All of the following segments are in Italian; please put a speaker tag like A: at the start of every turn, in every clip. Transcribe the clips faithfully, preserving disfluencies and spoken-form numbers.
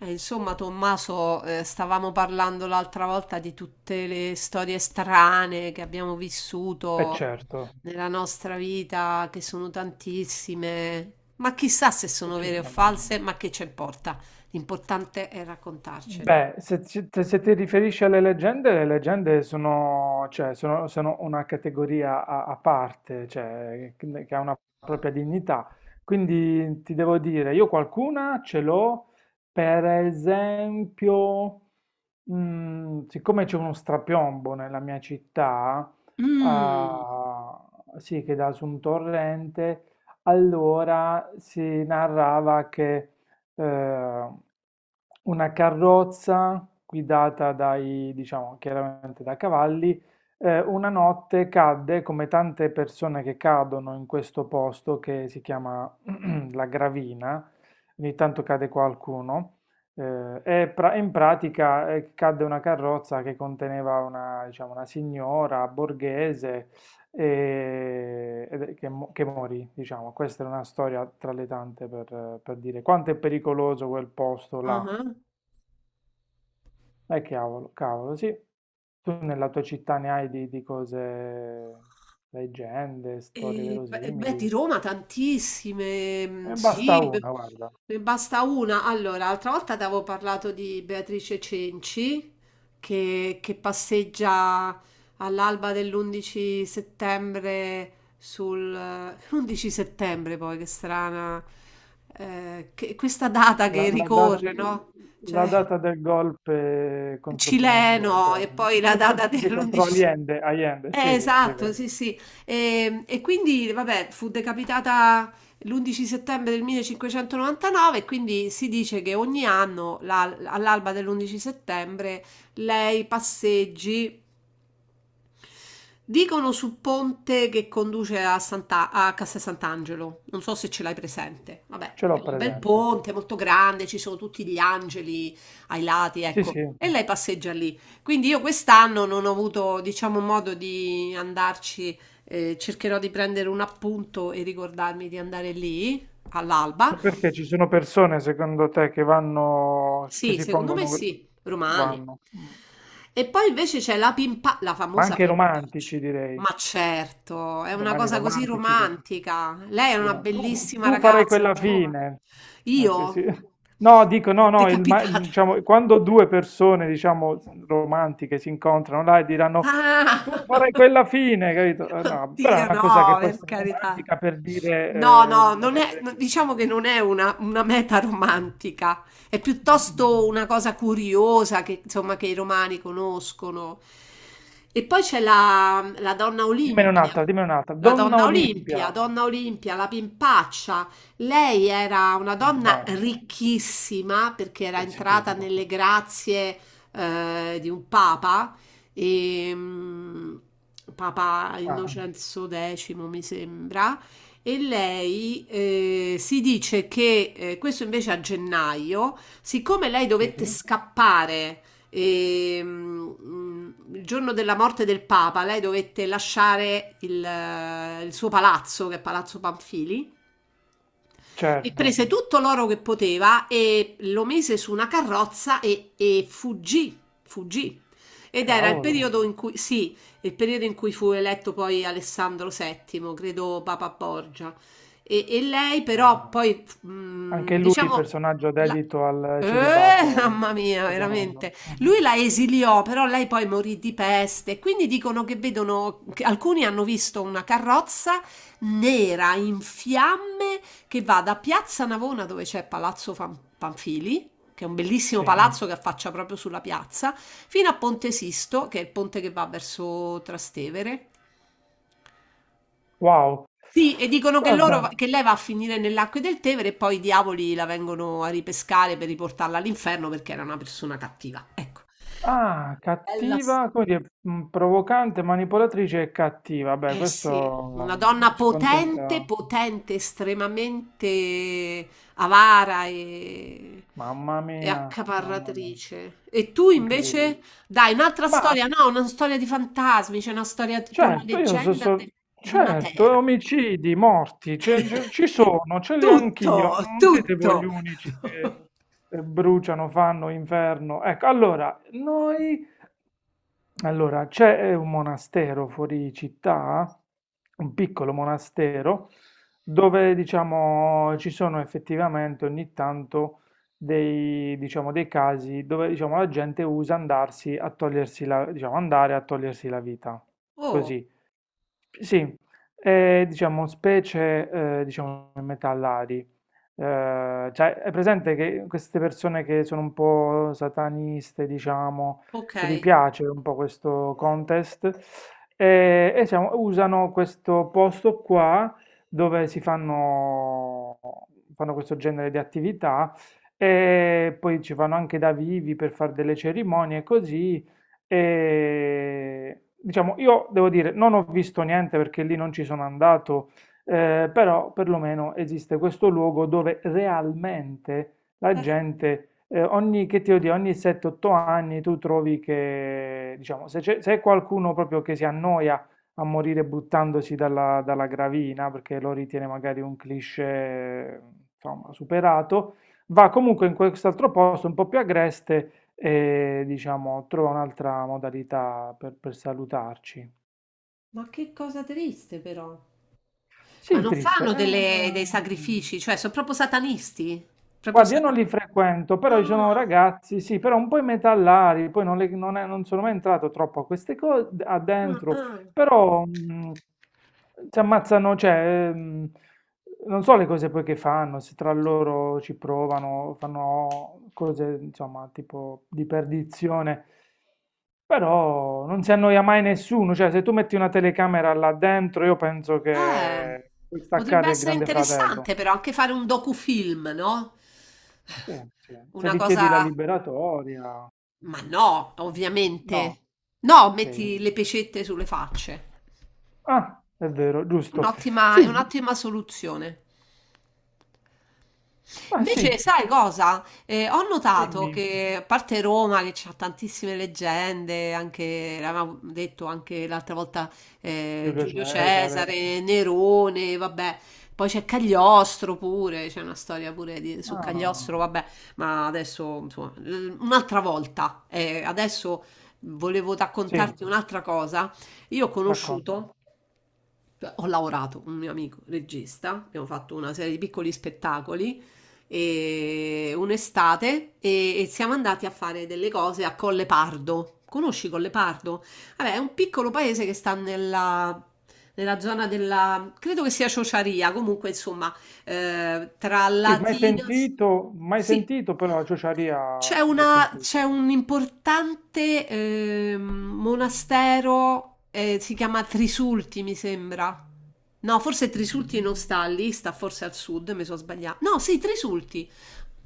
A: Eh, insomma, Tommaso, eh, stavamo parlando l'altra volta di tutte le storie strane che abbiamo
B: Eh
A: vissuto
B: certo,
A: nella nostra vita, che sono tantissime, ma chissà se
B: eh,
A: sono vere o
B: certamente.
A: false, ma che ci importa? L'importante è raccontarcele.
B: Beh, se, ci- te- se ti riferisci alle leggende, le leggende sono, cioè, sono- sono una categoria a, a parte, cioè, che che ha una propria dignità. Quindi ti devo dire, io qualcuna ce l'ho, per esempio, mm, siccome c'è uno strapiombo nella mia città,
A: Mm.
B: ah, sì, che dà su un torrente, allora si narrava che eh, una carrozza guidata dai, diciamo, chiaramente da cavalli. Eh, una notte cadde, come tante persone che cadono in questo posto che si chiama La Gravina, ogni tanto cade qualcuno. eh, e pra- in pratica eh, cadde una carrozza che conteneva una, diciamo, una signora borghese e, ed è- che, mo- che morì, diciamo. Questa è una storia tra le tante per, per dire quanto è pericoloso quel posto
A: Ah
B: là.
A: ah.
B: Eh, cavolo, cavolo, sì. Tu nella tua città ne hai di, di cose, leggende, storie
A: Ehm, beh ehm, beh, di
B: verosimili.
A: Roma tantissime, mhmm,
B: Ne basta
A: sì, b
B: una, guarda.
A: ne basta una. Allora, l'altra volta t'avevo parlato di Beatrice Cenci, che che passeggia all'alba dell'undici settembre sul l'undici settembre poi, che strana, ehm, che questa data
B: La,
A: che
B: la da-
A: ricorre, no, cioè,
B: la data del golpe contro Pinochet,
A: cileno e
B: certo.
A: poi la data
B: Sì, contro
A: dell'undici,
B: Allende, Allende,
A: eh,
B: sì, sì, sì, è
A: esatto,
B: vero.
A: sì, sì. E, e quindi, vabbè, fu decapitata l'undici settembre del millecinquecentonovantanove e quindi si dice che ogni anno, la- all'alba dell'undici settembre, lei passeggi. Dicono sul ponte che conduce a, Santa- a Castel Sant'Angelo, non so se ce l'hai presente. Vabbè,
B: Ce
A: è
B: l'ho
A: un bel
B: presente.
A: ponte molto grande, ci sono tutti gli angeli ai lati,
B: Sì,
A: ecco.
B: sì.
A: E lei passeggia lì. Quindi io quest'anno non ho avuto, diciamo, modo di andarci. eh, cercherò di prendere un appunto e ricordarmi di andare lì all'alba.
B: Ma perché ci sono persone, secondo te, che vanno, che
A: Sì,
B: si
A: secondo me
B: pongono,
A: sì, romani.
B: vanno, mm,
A: E poi invece c'è la pimpa, la
B: ma
A: famosa
B: anche
A: pimpaccia.
B: romantici, direi,
A: Ma certo, è una
B: romani
A: cosa così
B: romantici che ci-
A: romantica. Lei è
B: io
A: una
B: no. Tu,
A: bellissima
B: tu farai
A: ragazza,
B: quella
A: giovane.
B: fine. Eh, sì, sì.
A: Io?
B: No, dico, no, no, il ma- il-
A: Decapitata.
B: diciamo, quando due persone, diciamo, romantiche si incontrano là e diranno, tu
A: Ah!
B: farai quella fine, capito? Eh, No, però è
A: Oddio,
B: una cosa che
A: no,
B: può
A: per
B: essere
A: carità.
B: romantica per dire,
A: No,
B: eh,
A: no, non è,
B: moriremo
A: no, diciamo
B: insieme.
A: che non è una, una meta romantica, è
B: Mm, mm.
A: piuttosto una cosa curiosa che, insomma, che i romani conoscono. E poi c'è la, la donna
B: Dimmene
A: Olimpia,
B: un'altra, dimmene un'altra.
A: la
B: Donna
A: donna
B: Olimpia.
A: Olimpia, donna Olimpia, la pimpaccia. Lei era una
B: In
A: donna
B: pace.
A: ricchissima perché era
B: Che
A: entrata
B: schifo.
A: nelle grazie eh, di un papa, e, mm, Papa
B: Ah,
A: Innocenzo X, mi sembra. E lei, eh, si dice che, eh, questo invece a gennaio, siccome lei
B: sì?
A: dovette scappare, e, mm, il giorno della morte del Papa, lei dovette lasciare il, eh, il suo palazzo, che è Palazzo Panfili, e
B: Certo.
A: prese tutto l'oro che poteva e lo mise su una carrozza, e, e fuggì, fuggì. Ed era il, ah, sì,
B: Cavolo.
A: periodo in cui, sì, il periodo in cui fu eletto poi Alessandro settimo, credo Papa Borgia. E, e lei
B: Ah.
A: però poi, mh,
B: Anche lui
A: diciamo,
B: personaggio
A: la-
B: dedito al
A: eh, mamma
B: celibato
A: mia,
B: rigoroso.
A: veramente.
B: Mhm.
A: Lui la esiliò, però lei poi morì di peste. Quindi dicono che vedono, che alcuni hanno visto una carrozza nera in fiamme che va da Piazza Navona, dove c'è Palazzo Fan- Panfili, che è un bellissimo
B: Sì.
A: palazzo che affaccia proprio sulla piazza, fino a Ponte Sisto, che è il ponte che va verso Trastevere.
B: Wow.
A: Sì, e dicono che, loro,
B: Guarda.
A: che lei va a finire nell'acqua del Tevere e poi i diavoli la vengono a ripescare per riportarla all'inferno perché era una persona cattiva. Ecco,
B: Ah,
A: bella storia.
B: cattiva, come dire, mh, provocante, manipolatrice e cattiva. Beh,
A: Eh sì, una
B: questo
A: donna potente,
B: scontenta.
A: potente, estremamente avara e,
B: Mamma
A: e
B: mia, mamma mia,
A: accaparratrice. E tu
B: incredibile.
A: invece, dai, un'altra
B: Ma
A: storia, no, una storia di fantasmi, c'è una storia tipo la
B: certo, io so,
A: leggenda
B: so-
A: de- di
B: certo,
A: Matera.
B: omicidi, morti, ce- ce- ci sono, ce li ho anch'io,
A: Tutto,
B: non siete voi gli
A: tutto.
B: unici che eh, bruciano, fanno inferno. Ecco, allora, noi, allora, c'è eh, un monastero fuori città, un piccolo monastero, dove, diciamo, ci sono effettivamente ogni tanto dei, diciamo, dei casi dove, diciamo, la gente usa andarsi a togliersi la, diciamo, andare a togliersi la vita,
A: Oh,
B: così. Sì, è diciamo specie, ehm, diciamo metallari. Ehm, cioè è presente che queste persone che sono un po' sataniste, diciamo, che gli
A: okay.
B: piace un po' questo contest, ehm, e diciamo usano questo posto qua dove si fanno fanno questo genere di attività e poi ci vanno anche da vivi per far delle cerimonie e così e, diciamo, io devo dire, non ho visto niente perché lì non ci sono andato, eh, però perlomeno esiste questo luogo dove realmente la gente, eh, ogni, che ti devo dire, ogni sette otto anni tu trovi che, diciamo, se c'è se è qualcuno proprio che si annoia a morire buttandosi dalla, dalla gravina, perché lo ritiene magari un cliché, insomma, superato, va comunque in quest'altro posto un po' più agreste e diciamo trova un'altra modalità per, per, salutarci.
A: Ma che cosa triste però. Ma
B: Sì,
A: non
B: triste,
A: fanno
B: è
A: delle dei
B: un.
A: sacrifici, cioè son proprio satanisti? Proprio
B: Guarda, io
A: sata
B: non li frequento, però ci sono
A: ah,
B: ragazzi, sì, però un po' i metallari, poi non, le- non è- non sono mai entrato troppo a queste cose, a
A: ah,
B: dentro,
A: ah.
B: però mh, si ammazzano, cioè, mh, non so le cose poi che fanno, se tra loro ci provano, fanno cose, insomma, tipo di perdizione, però non si annoia mai nessuno, cioè, se tu metti una telecamera là dentro, io penso
A: Eh,
B: che puoi
A: potrebbe
B: staccare il
A: essere
B: Grande Fratello.
A: interessante però anche fare un docufilm, no,
B: Sì, sì. Se
A: una
B: gli
A: cosa,
B: chiedi la liberatoria,
A: ma no, ovviamente.
B: no,
A: No,
B: ok.
A: metti le pecette sulle facce.
B: Ah, è vero, giusto.
A: Un'ottima è
B: Sì,
A: un'ottima soluzione.
B: ah sì,
A: Invece, sai cosa? Eh, ho notato
B: dimmi,
A: che, a parte Roma, che ha tantissime leggende, anche, l'avevamo detto anche l'altra volta, eh,
B: Giulio
A: Giulio
B: Cesare.
A: Cesare, Nerone, vabbè. Poi c'è Cagliostro pure, c'è una storia pure di- su
B: Ah,
A: Cagliostro, vabbè, ma adesso, insomma, l- un'altra volta. Eh, adesso volevo
B: sì,
A: raccontarti un'altra cosa. Io ho
B: racconta.
A: conosciuto Ho lavorato con un mio amico regista, abbiamo fatto una serie di piccoli spettacoli e un'estate, e, e siamo andati a fare delle cose a Colle Pardo. Conosci Colle Pardo? Vabbè, è un piccolo paese che sta nella, nella zona della, credo che sia Ciociaria, comunque insomma, ehm, tra
B: Sì, mai
A: latino s
B: sentito, mai
A: sì.
B: sentito, però la ciociaria
A: C'è
B: l'ho
A: una c'è
B: sentita.
A: un importante, ehm, monastero, ehm, si chiama Trisulti, mi sembra. No, forse Trisulti
B: Mhm.
A: non sta lì, sta forse al sud, mi sono sbagliata. No, sì, Trisulti.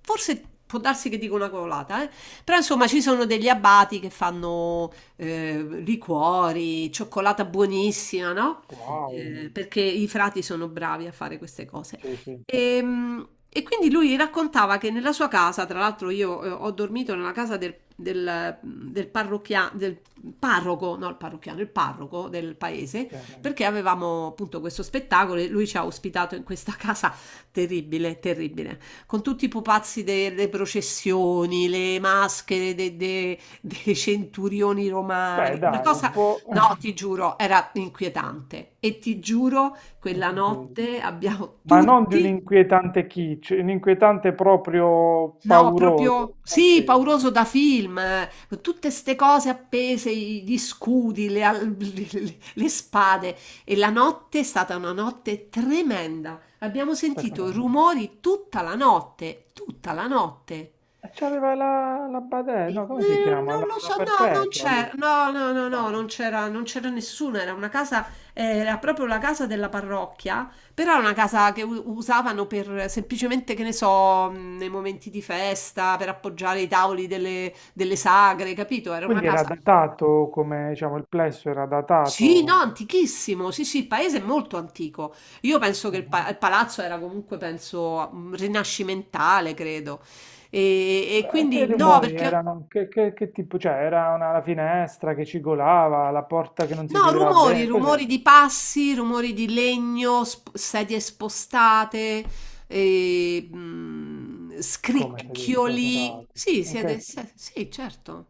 A: Forse può darsi che dico una cavolata, eh. Però insomma ci sono degli abati che fanno, ehm, liquori, cioccolata buonissima, no,
B: Wow,
A: ehm, perché i frati sono bravi a fare queste cose.
B: sì, sì,
A: Ehm, E quindi lui raccontava che nella sua casa, tra l'altro io, eh, ho dormito nella casa del, del, del parrocchia- del parroco, no il parrocchiano, il parroco del paese,
B: sì.
A: perché avevamo appunto questo spettacolo e lui ci ha ospitato in questa casa terribile, terribile, con tutti i pupazzi delle processioni, le maschere de- de- dei centurioni
B: Beh,
A: romani, una
B: dai,
A: cosa,
B: può.
A: no, ti giuro, era inquietante e ti giuro quella
B: Ok.
A: notte abbiamo
B: Ma non di un
A: tutti,
B: inquietante kitsch, un inquietante proprio
A: no, proprio
B: pauroso. Ok,
A: sì, pauroso da film, eh, con tutte ste cose appese, i- gli scudi, le, al- le- le spade. E la notte è stata una notte tremenda. Abbiamo
B: perché?
A: sentito rumori tutta la notte, tutta la notte.
B: E c'aveva la, la Badè,
A: Eh,
B: no, come si chiama?
A: Non
B: La,
A: lo
B: la
A: so, no, non
B: Perpetua,
A: c'è,
B: lui.
A: no, no, no, no,
B: No.
A: non c'era, non c'era nessuno, era una casa, eh, era proprio la casa della parrocchia, però era una casa che u- usavano per semplicemente, che ne so, mh, nei momenti di festa, per appoggiare i tavoli delle, delle sagre, capito? Era una
B: Quindi era
A: casa,
B: datato, come diciamo, il plesso era
A: sì, no,
B: datato.
A: antichissimo, sì, sì, il paese è molto antico, io penso che il, pa-
B: Mhm.
A: il palazzo era comunque, penso, mh, rinascimentale, credo, e, e
B: E che
A: quindi no,
B: rumori
A: perché...
B: erano? Che, che- che tipo? Cioè, era una, la finestra che cigolava, la porta che non si
A: No,
B: chiudeva
A: rumori,
B: bene, cos'è?
A: rumori di passi, rumori di legno, sp- sedie spostate, e, mm,
B: Come te li
A: scricchioli.
B: spostate?
A: Sì,
B: In
A: siete,
B: che-
A: se- sì, certo.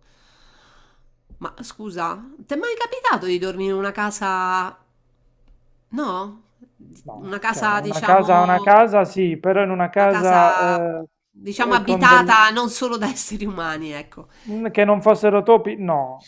A: Ma scusa, ti è mai capitato di dormire in una casa... No? Di-
B: No,
A: Una
B: cioè,
A: casa,
B: in una casa, una
A: diciamo,
B: casa sì, però in una
A: una casa,
B: casa eh,
A: diciamo,
B: eh, con del.
A: abitata non solo da esseri umani, ecco.
B: Mm, che non fossero topi, no.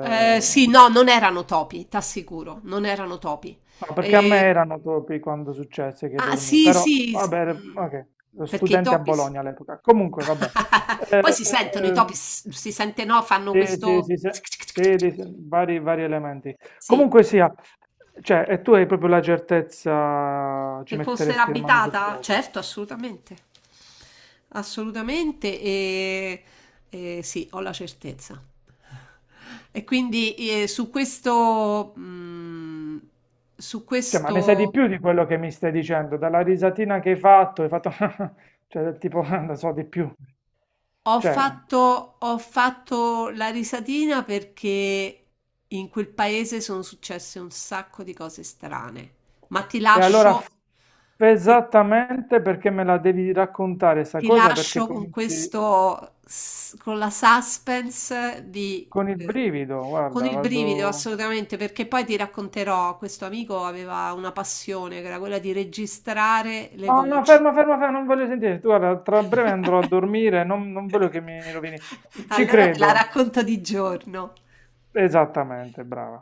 A: Eh, sì, no, non erano topi, t'assicuro, non erano topi.
B: No, perché a me
A: Eh,
B: erano topi quando successe che
A: ah,
B: dormì,
A: sì,
B: però
A: sì, s
B: vabbè, ok,
A: mhmm,
B: ero
A: perché i
B: studente a
A: topi s
B: Bologna all'epoca. Comunque, vabbè.
A: poi si sentono i
B: Eh,
A: topi, s si sente, no, fanno
B: eh, sì,
A: questo,
B: sì, sì, sì, sì, di- sì, vari, vari elementi.
A: sì,
B: Comunque sia, cioè, e tu hai proprio la certezza, ci
A: che fosse
B: metteresti la mano sul
A: l'abitata?
B: fuoco.
A: Certo, assolutamente. Assolutamente, ehm, ehm, sì, ho la certezza. E quindi, ehm, su questo, mhmm, su
B: Cioè, ma ne sai di
A: questo...
B: più di quello che mi stai dicendo, dalla risatina che hai fatto, hai fatto, cioè, tipo, non so, di più.
A: Ho
B: Cioè,
A: fatto, ho fatto la risatina perché in quel paese sono successe un sacco di cose strane. Ma ti
B: E allora
A: lascio,
B: f-
A: ti,
B: esattamente perché me la devi raccontare sta
A: ti
B: cosa, perché
A: lascio con
B: cominci
A: questo, s- con la suspense di,
B: con il
A: eh,
B: brivido,
A: con
B: guarda,
A: il brivido
B: vado.
A: assolutamente, perché poi ti racconterò, questo amico aveva una passione che era quella di registrare le
B: No, no,
A: voci.
B: ferma, ferma, ferma, non voglio sentire. Tu, guarda, tra breve andrò a dormire, non, non voglio che mi rovini. Ci
A: Allora te la
B: credo.
A: racconto di giorno.
B: Esattamente, brava.